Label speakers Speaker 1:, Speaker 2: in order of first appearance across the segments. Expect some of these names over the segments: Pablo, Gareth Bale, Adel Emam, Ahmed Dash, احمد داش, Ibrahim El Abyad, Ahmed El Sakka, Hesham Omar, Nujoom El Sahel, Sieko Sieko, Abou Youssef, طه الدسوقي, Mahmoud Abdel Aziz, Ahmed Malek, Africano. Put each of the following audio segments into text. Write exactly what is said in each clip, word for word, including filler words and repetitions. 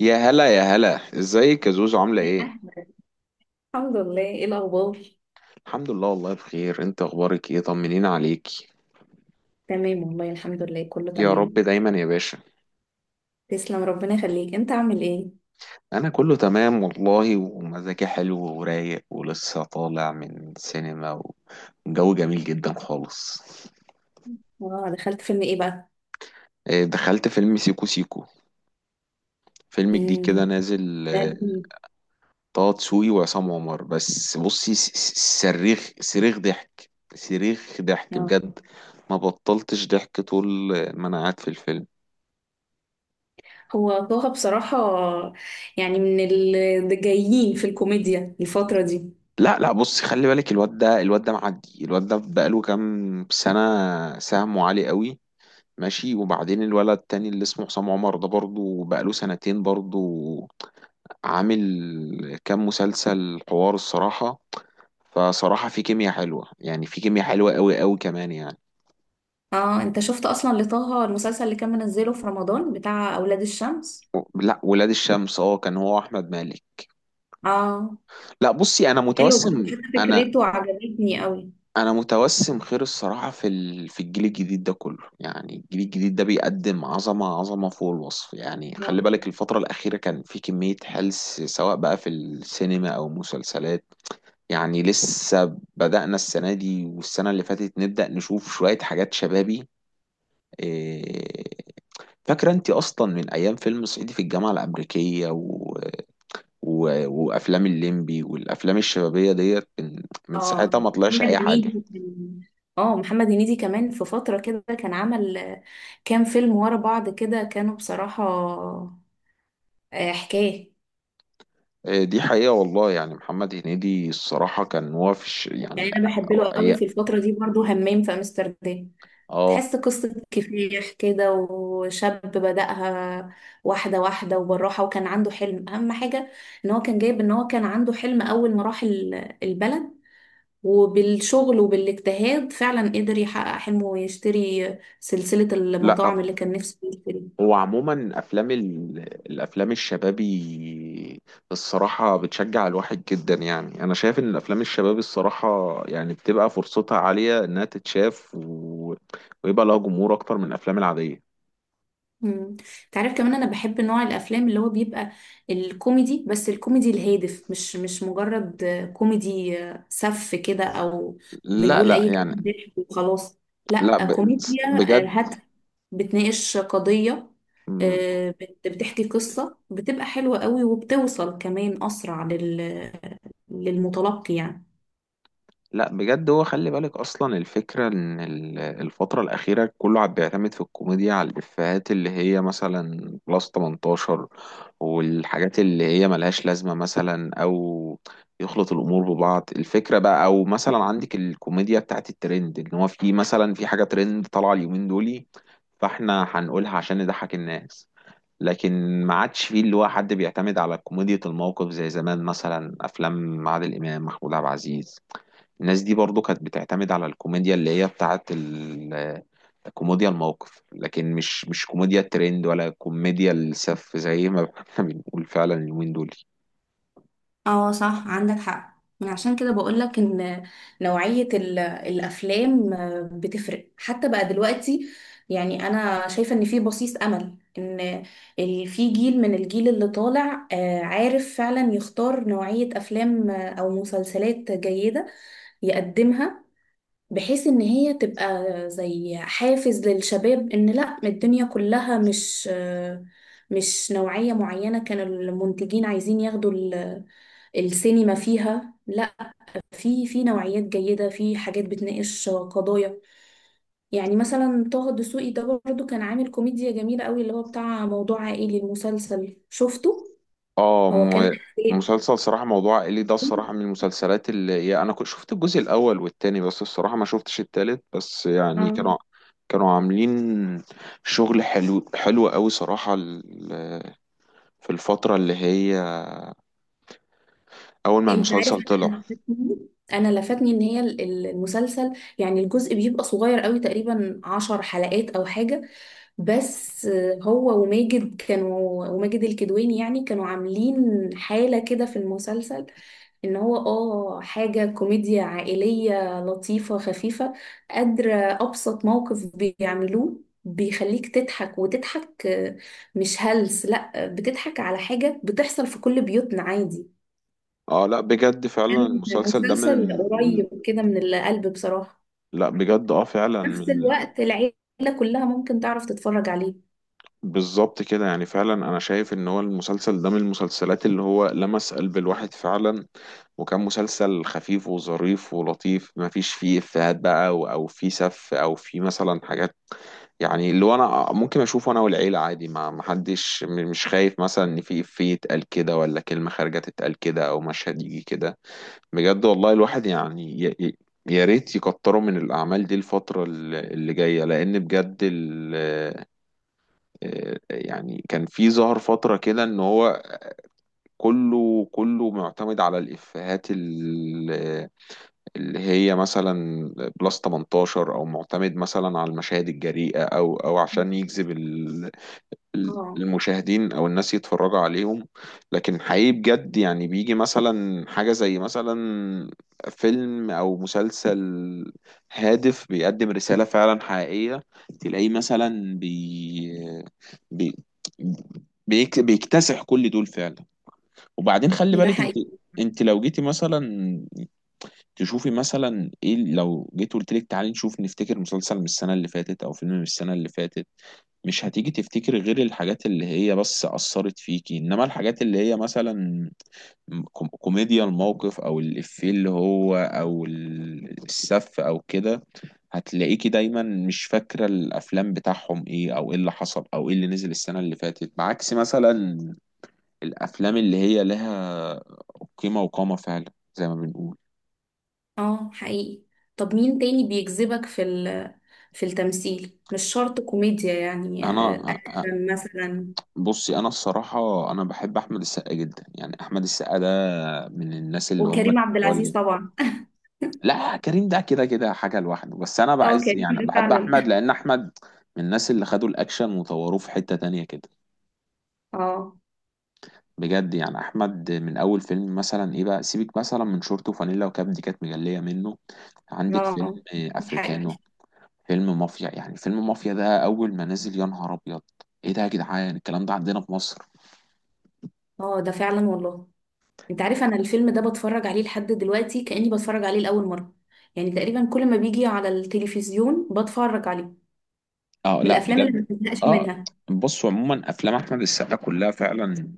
Speaker 1: يا هلا يا هلا، ازيك يا زوزو؟ عاملة
Speaker 2: يا
Speaker 1: ايه؟
Speaker 2: أحمد. الحمد لله، ايه الاخبار؟
Speaker 1: الحمد لله والله بخير. انت اخبارك ايه؟ طمنين عليكي.
Speaker 2: تمام والله، الحمد لله، كله
Speaker 1: يا رب
Speaker 2: تمام.
Speaker 1: دايما يا باشا.
Speaker 2: تسلم، ربنا يخليك، انت عامل ايه؟
Speaker 1: انا كله تمام والله، ومزاجي حلو ورايق، ولسه طالع من سينما، وجو جميل جدا خالص.
Speaker 2: اه، دخلت فيلم ايه بقى؟
Speaker 1: آه، دخلت فيلم سيكو سيكو، فيلم جديد
Speaker 2: امم
Speaker 1: كده نازل.
Speaker 2: ده
Speaker 1: آه،
Speaker 2: لذيذ.
Speaker 1: طه دسوقي وعصام عمر. بس بصي، س- س- صريخ صريخ ضحك، صريخ ضحك
Speaker 2: اه،
Speaker 1: بجد. ما بطلتش ضحك طول ما انا قاعد في الفيلم.
Speaker 2: هو طه بصراحة يعني من الجايين في الكوميديا الفترة دي.
Speaker 1: لا لا، بص، خلي بالك، الواد ده، الواد ده معدي، الواد ده بقاله كام سنة سهمه عالي قوي. ماشي، وبعدين الولد التاني اللي اسمه حسام عمر ده برضه بقاله سنتين برضه، عامل كام مسلسل حوار الصراحة. فصراحة في كيمياء حلوة، يعني في كيمياء حلوة قوي قوي كمان يعني.
Speaker 2: اه، انت شفت اصلا لطه المسلسل اللي كان منزله في رمضان بتاع اولاد الشمس؟
Speaker 1: و- لا، ولاد الشمس، اه، كان هو احمد مالك.
Speaker 2: اه،
Speaker 1: لا بصي، انا
Speaker 2: حلو برضه،
Speaker 1: متوسم
Speaker 2: حتى
Speaker 1: انا
Speaker 2: فكرته عجبتني قوي.
Speaker 1: انا متوسم خير الصراحه في ال... في الجيل الجديد ده كله، يعني الجيل الجديد ده بيقدم عظمه عظمه فوق الوصف. يعني خلي بالك الفتره الاخيره كان في كميه هلس، سواء بقى في السينما او مسلسلات. يعني لسه بدأنا السنه دي والسنه اللي فاتت نبدأ نشوف شويه حاجات شبابي. إيه، فاكره انت اصلا من ايام فيلم صعيدي في الجامعه الامريكيه و... و... وافلام الليمبي والافلام الشبابيه ديت، من من
Speaker 2: اه،
Speaker 1: ساعتها ما طلعش
Speaker 2: محمد
Speaker 1: اي
Speaker 2: هنيدي
Speaker 1: حاجه.
Speaker 2: كان- اه محمد هنيدي كمان في فترة كده كان عمل آه، كام فيلم ورا بعض كده، كانوا بصراحة آه، حكاية.
Speaker 1: آه، دي حقيقة والله، يعني محمد هنيدي الصراحة كان وافش يعني.
Speaker 2: يعني انا بحب له قوي
Speaker 1: أي-
Speaker 2: في الفترة دي برضو، همام في امستردام.
Speaker 1: اه،
Speaker 2: تحس قصة كفاح كده، وشاب بدأها واحدة واحدة وبالراحة، وكان عنده حلم، أهم حاجة إن هو كان جايب إن هو كان عنده حلم، أول ما راح ال- البلد، وبالشغل وبالاجتهاد فعلا قدر يحقق حلمه ويشتري سلسلة المطاعم
Speaker 1: لا.
Speaker 2: اللي كان نفسه يشتريها.
Speaker 1: وعموما افلام ال... الافلام الشبابي الصراحة بتشجع الواحد جدا، يعني انا شايف ان الافلام الشبابي الصراحة يعني بتبقى فرصتها عالية انها تتشاف، و... ويبقى لها جمهور اكتر من الافلام العادية.
Speaker 2: مم. تعرف كمان انا بحب نوع الافلام اللي هو بيبقى الكوميدي، بس الكوميدي الهادف، مش مش مجرد كوميدي سف كده، او
Speaker 1: لا
Speaker 2: بنقول
Speaker 1: لا
Speaker 2: اي كلام
Speaker 1: يعني،
Speaker 2: ضحك وخلاص.
Speaker 1: لا
Speaker 2: لا،
Speaker 1: ب...
Speaker 2: كوميديا آه،
Speaker 1: بجد.
Speaker 2: هادفة، بتناقش قضية، آه، بت- بتحكي قصة بتبقى حلوة قوي، وبتوصل كمان أسرع لل... للمتلقي يعني.
Speaker 1: لا بجد، هو خلي بالك اصلا الفكره ان ال- الفتره الاخيره كله عم بيعتمد في الكوميديا على الافيهات اللي هي مثلا بلس تمنتاشر، والحاجات اللي هي ملهاش لازمه مثلا، او يخلط الامور ببعض الفكره بقى، او مثلا عندك الكوميديا بتاعت الترند، ان هو في مثلا في حاجه ترند طالعه اليومين دولي، فاحنا هنقولها عشان نضحك الناس. لكن ما عادش فيه اللي هو حد بيعتمد على كوميديا الموقف زي زمان، مثلا افلام عادل امام، محمود عبد العزيز، الناس دي برضو كانت بتعتمد على الكوميديا اللي هي بتاعت ال- كوميديا الموقف، لكن مش مش كوميديا الترند ولا كوميديا السف زي ما احنا بنقول فعلا اليومين دول.
Speaker 2: اه صح، عندك حق، من عشان كده بقولك ان نوعية ال- الافلام بتفرق حتى بقى دلوقتي. يعني انا شايفة ان في بصيص امل، ان ال- في جيل، من الجيل اللي طالع آه، عارف فعلا يختار نوعية افلام او مسلسلات جيدة يقدمها، بحيث ان هي تبقى زي حافز للشباب، ان لا، الدنيا كلها مش آه، مش نوعية معينة كانوا المنتجين عايزين ياخدوا السينما فيها، لا، في في نوعيات جيدة، في حاجات بتناقش قضايا. يعني مثلا طه الدسوقي ده برضه كان عامل كوميديا جميلة قوي اللي هو بتاع موضوع عائلي. المسلسل شفته؟
Speaker 1: اه
Speaker 2: هو كان
Speaker 1: م- مسلسل صراحة موضوع عائلي ده الصراحة من المسلسلات اللي هي أنا كنت شفت الجزء الأول والتاني، بس الصراحة ما شفتش التالت. بس يعني
Speaker 2: اه،
Speaker 1: كانوا كانوا عاملين شغل حلو حلو قوي صراحة، ال- في الفترة اللي هي أول ما
Speaker 2: انت عارف،
Speaker 1: المسلسل
Speaker 2: انا
Speaker 1: طلع.
Speaker 2: لفتني انا لفتني ان هي ال- ال- المسلسل، يعني الجزء بيبقى صغير قوي، تقريبا عشر حلقات او حاجة، بس هو وماجد كانوا وماجد الكدواني يعني كانوا عاملين حالة كده في المسلسل، ان هو اه حاجة كوميديا عائلية لطيفة خفيفة، قادرة ابسط موقف بيعملوه بيخليك تضحك وتضحك، آه، مش هلس، لا آه، بتضحك على حاجة بتحصل في كل بيوتنا عادي.
Speaker 1: اه لا بجد، فعلا
Speaker 2: كان
Speaker 1: المسلسل ده من،
Speaker 2: مسلسل قريب كده من القلب بصراحة،
Speaker 1: لا بجد اه فعلا
Speaker 2: في نفس
Speaker 1: من،
Speaker 2: الوقت العيلة كلها ممكن تعرف تتفرج عليه.
Speaker 1: بالظبط كده. يعني فعلا انا شايف ان هو المسلسل ده من المسلسلات اللي هو لمس قلب الواحد فعلا، وكان مسلسل خفيف وظريف ولطيف، ما فيش فيه افيهات بقى او أو فيه سف او فيه مثلا حاجات، يعني اللي هو انا ممكن اشوفه انا والعيله عادي، ما ما حدش م- مش خايف مثلا ان في افيه يتقال كده، ولا كلمه خارجه تتقال كده، او مشهد يجي كده. بجد والله، الواحد يعني ي- ي- يا ريت يكتروا من الأعمال دي الفترة اللي اللي جاية، لأن بجد يعني كان في ظهر فترة كده ان هو كله كله معتمد على الإفيهات ال- اللي هي مثلا بلس تمنتاشر، او معتمد مثلا على المشاهد الجريئة، او او عشان يجذب ال-
Speaker 2: اه،
Speaker 1: المشاهدين او الناس يتفرجوا عليهم. لكن حقيقي بجد، يعني بيجي مثلا حاجة زي مثلا فيلم او مسلسل هادف بيقدم رسالة فعلا حقيقية، تلاقيه مثلا بي... بي... بيك... بيكتسح كل دول فعلا. وبعدين خلي
Speaker 2: ده
Speaker 1: بالك انت
Speaker 2: حقيقي.
Speaker 1: انت لو جيتي مثلا تشوفي مثلا ايه، لو جيت قلت لك تعالي نشوف نفتكر مسلسل من السنة اللي فاتت او فيلم من السنة اللي فاتت، مش هتيجي تفتكر غير الحاجات اللي هي بس أثرت فيكي، إنما الحاجات اللي هي مثلا كوم- كوميديا الموقف أو الإفيه اللي هو أو ال- السف أو كده، هتلاقيكي دايما مش فاكرة الأفلام بتاعهم إيه، أو إيه اللي حصل، أو إيه اللي نزل السنة اللي فاتت، بعكس مثلا الأفلام اللي هي لها قيمة وقامة فعلا زي ما بنقول.
Speaker 2: اه حقيقي. طب مين تاني بيجذبك في ال- في التمثيل؟ مش شرط كوميديا، يعني
Speaker 1: أنا
Speaker 2: آه،
Speaker 1: أ- أ-
Speaker 2: اكشن مثلا.
Speaker 1: بصي، أنا الصراحة أنا بحب أحمد السقا جدا، يعني أحمد السقا ده من الناس اللي هم
Speaker 2: وكريم عبد
Speaker 1: بتوع،
Speaker 2: العزيز طبعا
Speaker 1: لا كريم ده كده كده حاجة لوحده، بس أنا
Speaker 2: اه،
Speaker 1: بعز
Speaker 2: كريم
Speaker 1: يعني
Speaker 2: ده
Speaker 1: بحب
Speaker 2: فعلا.
Speaker 1: أحمد، لأن أحمد من الناس اللي خدوا الأكشن وطوروه في حتة تانية كده.
Speaker 2: اه،
Speaker 1: بجد يعني أحمد من أول فيلم مثلا إيه بقى، سيبك مثلا من شورت وفانيلا وكاب، دي كانت مجلية منه. عندك فيلم
Speaker 2: اه. ده
Speaker 1: أفريكانو،
Speaker 2: حقيقي.
Speaker 1: فيلم مافيا، يعني فيلم مافيا ده أول ما نزل يا نهار أبيض، إيه ده يا جدعان، الكلام ده عندنا في مصر؟
Speaker 2: اه، ده فعلا والله. انت عارف، انا الفيلم ده بتفرج عليه لحد دلوقتي كأني بتفرج عليه لأول مرة، يعني تقريبا كل ما بيجي على التلفزيون بتفرج عليه،
Speaker 1: أه
Speaker 2: من
Speaker 1: لا
Speaker 2: الافلام اللي
Speaker 1: بجد،
Speaker 2: ما بزهقش
Speaker 1: أه.
Speaker 2: منها.
Speaker 1: بصوا، عموما أفلام أحمد السقا كلها فعلا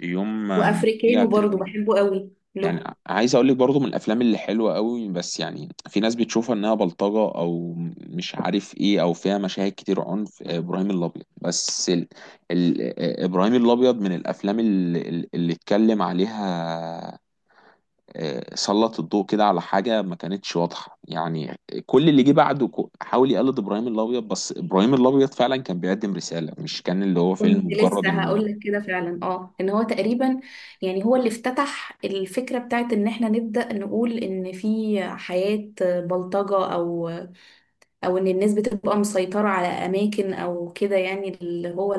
Speaker 1: يوم ما بتيجي على
Speaker 2: وافريكانو برضو
Speaker 1: التلفزيون،
Speaker 2: بحبه قوي
Speaker 1: يعني
Speaker 2: له.
Speaker 1: عايز اقول لك برضو من الافلام اللي حلوه قوي، بس يعني في ناس بتشوفها انها بلطجه او مش عارف ايه، او فيها مشاهد كتير عنف. آه، ابراهيم الابيض، بس ال... ال... آه، ابراهيم الابيض من الافلام اللي, اللي اتكلم عليها، آه، سلط الضوء كده على حاجه ما كانتش واضحه يعني. كل اللي جه بعده كو- حاول يقلد ابراهيم الابيض، بس ابراهيم الابيض فعلا كان بيقدم رساله، مش كان اللي هو فيلم
Speaker 2: كنت
Speaker 1: مجرد
Speaker 2: لسه هقول
Speaker 1: انه،
Speaker 2: لك كده فعلا، اه ان هو تقريبا، يعني هو اللي افتتح الفكرة بتاعت ان احنا نبدأ نقول ان في حياة بلطجة، او او ان الناس بتبقى مسيطرة على اماكن او كده، يعني اللي هو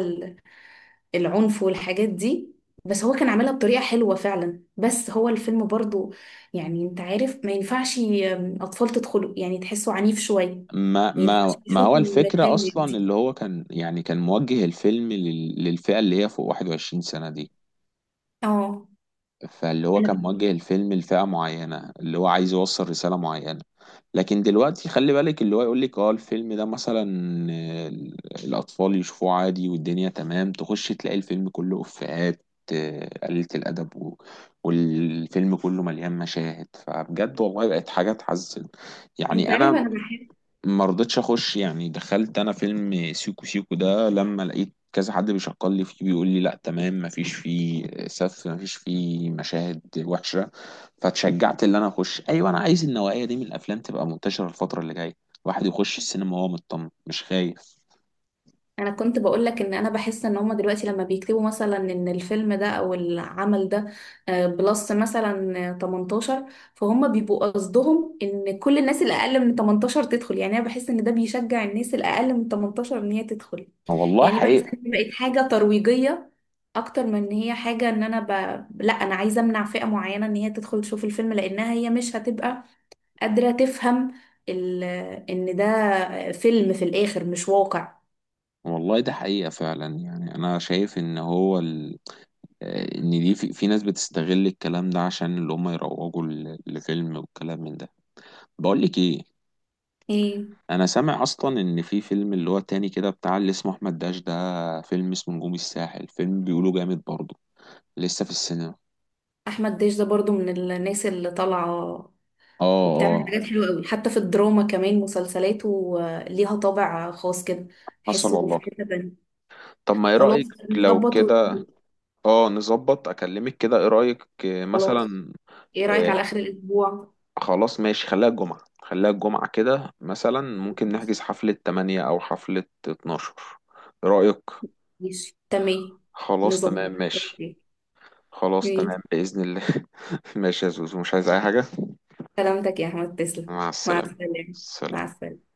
Speaker 2: العنف والحاجات دي، بس هو كان عاملها بطريقة حلوة فعلا، بس هو الفيلم برضو، يعني انت عارف ما ينفعش ي- أطفال تدخلوا، يعني تحسوا عنيف شوية،
Speaker 1: ما
Speaker 2: ما ينفعش
Speaker 1: ما ما هو
Speaker 2: يشوفوا
Speaker 1: الفكرة
Speaker 2: المشاهد
Speaker 1: أصلا
Speaker 2: دي.
Speaker 1: اللي هو كان، يعني كان موجه الفيلم لل- للفئة اللي هي فوق واحد وعشرين سنة دي.
Speaker 2: اه.
Speaker 1: فاللي هو كان
Speaker 2: أنا-
Speaker 1: موجه الفيلم لفئة معينة، اللي هو عايز يوصل رسالة معينة، لكن دلوقتي خلي بالك اللي هو يقول لك اه الفيلم ده مثلا، آه، الأطفال يشوفوه عادي والدنيا تمام، تخش تلاقي الفيلم كله إفيهات آه، قليلة الأدب، و- والفيلم كله مليان مشاهد. فبجد والله بقت حاجة تحزن.
Speaker 2: انت
Speaker 1: يعني
Speaker 2: عارف،
Speaker 1: أنا
Speaker 2: انا بحب
Speaker 1: ما رضيتش اخش، يعني دخلت انا فيلم سيكو سيكو ده لما لقيت كذا حد بيشكر لي فيه بيقول لي لا تمام، ما فيش فيه سف، ما فيش فيه مشاهد وحشة، فاتشجعت ان انا اخش. ايوه، انا عايز النوعية دي من الافلام تبقى منتشرة الفترة اللي جاية، الواحد يخش السينما وهو مطمن، مش خايف.
Speaker 2: انا كنت بقولك ان انا بحس ان هما دلوقتي لما بيكتبوا مثلا ان الفيلم ده او العمل ده آه، بلس مثلا آه، تمنتاشر، فهم بيبقوا قصدهم ان كل الناس اللي اقل من تمنتاشر تدخل، يعني انا بحس ان ده بيشجع الناس اللي اقل من تمنتاشر ان هي تدخل،
Speaker 1: والله
Speaker 2: يعني بحس
Speaker 1: حقيقة.
Speaker 2: ان هي بقت حاجة ترويجية اكتر من ان هي حاجة ان انا ب... لا، انا عايزة امنع فئة معينة ان هي تدخل تشوف الفيلم، لانها هي مش هتبقى قادرة تفهم ال... ان ده فيلم في الاخر مش واقع.
Speaker 1: والله ده حقيقة فعلا، يعني انا شايف ان هو ال... آه، ان دي في, في ناس بتستغل الكلام ده عشان اللي هم يروجوا ل- لفيلم والكلام من ده. بقول لك ايه،
Speaker 2: ايه،
Speaker 1: انا سامع اصلا ان في فيلم اللي هو التاني كده بتاع اللي اسمه احمد داش، ده فيلم اسمه نجوم الساحل، فيلم بيقولوا جامد برضه، لسه في السينما.
Speaker 2: احمد داش ده برضو من الناس اللي طالعه،
Speaker 1: اه
Speaker 2: وبتعمل
Speaker 1: اه.
Speaker 2: حاجات حلوه قوي، حتى في الدراما كمان مسلسلاته آه، ليها طابع خاص كده،
Speaker 1: حصل
Speaker 2: تحسه في
Speaker 1: والله.
Speaker 2: حته تانية.
Speaker 1: طب ما ايه
Speaker 2: خلاص،
Speaker 1: رأيك لو
Speaker 2: نظبط و-
Speaker 1: كده؟ اه نظبط اكلمك كده، ايه رأيك آه،
Speaker 2: خلاص،
Speaker 1: مثلا
Speaker 2: ايه رايك على
Speaker 1: آه
Speaker 2: اخر الاسبوع؟
Speaker 1: خلاص ماشي، خليها الجمعة، خليها الجمعة كده مثلا، ممكن نحجز حفلة تمانية او حفلة اتناشر، ايه رأيك؟
Speaker 2: ماشي تمام،
Speaker 1: خلاص
Speaker 2: نظبط،
Speaker 1: تمام ماشي.
Speaker 2: اوكي.
Speaker 1: خلاص
Speaker 2: ماشي.
Speaker 1: تمام بإذن الله. ماشي يا زوزو، مش عايز اي حاجة.
Speaker 2: سلامتك يا احمد، تسلم.
Speaker 1: مع
Speaker 2: مع
Speaker 1: السلامة.
Speaker 2: السلامه. مع
Speaker 1: سلام.
Speaker 2: السلامه.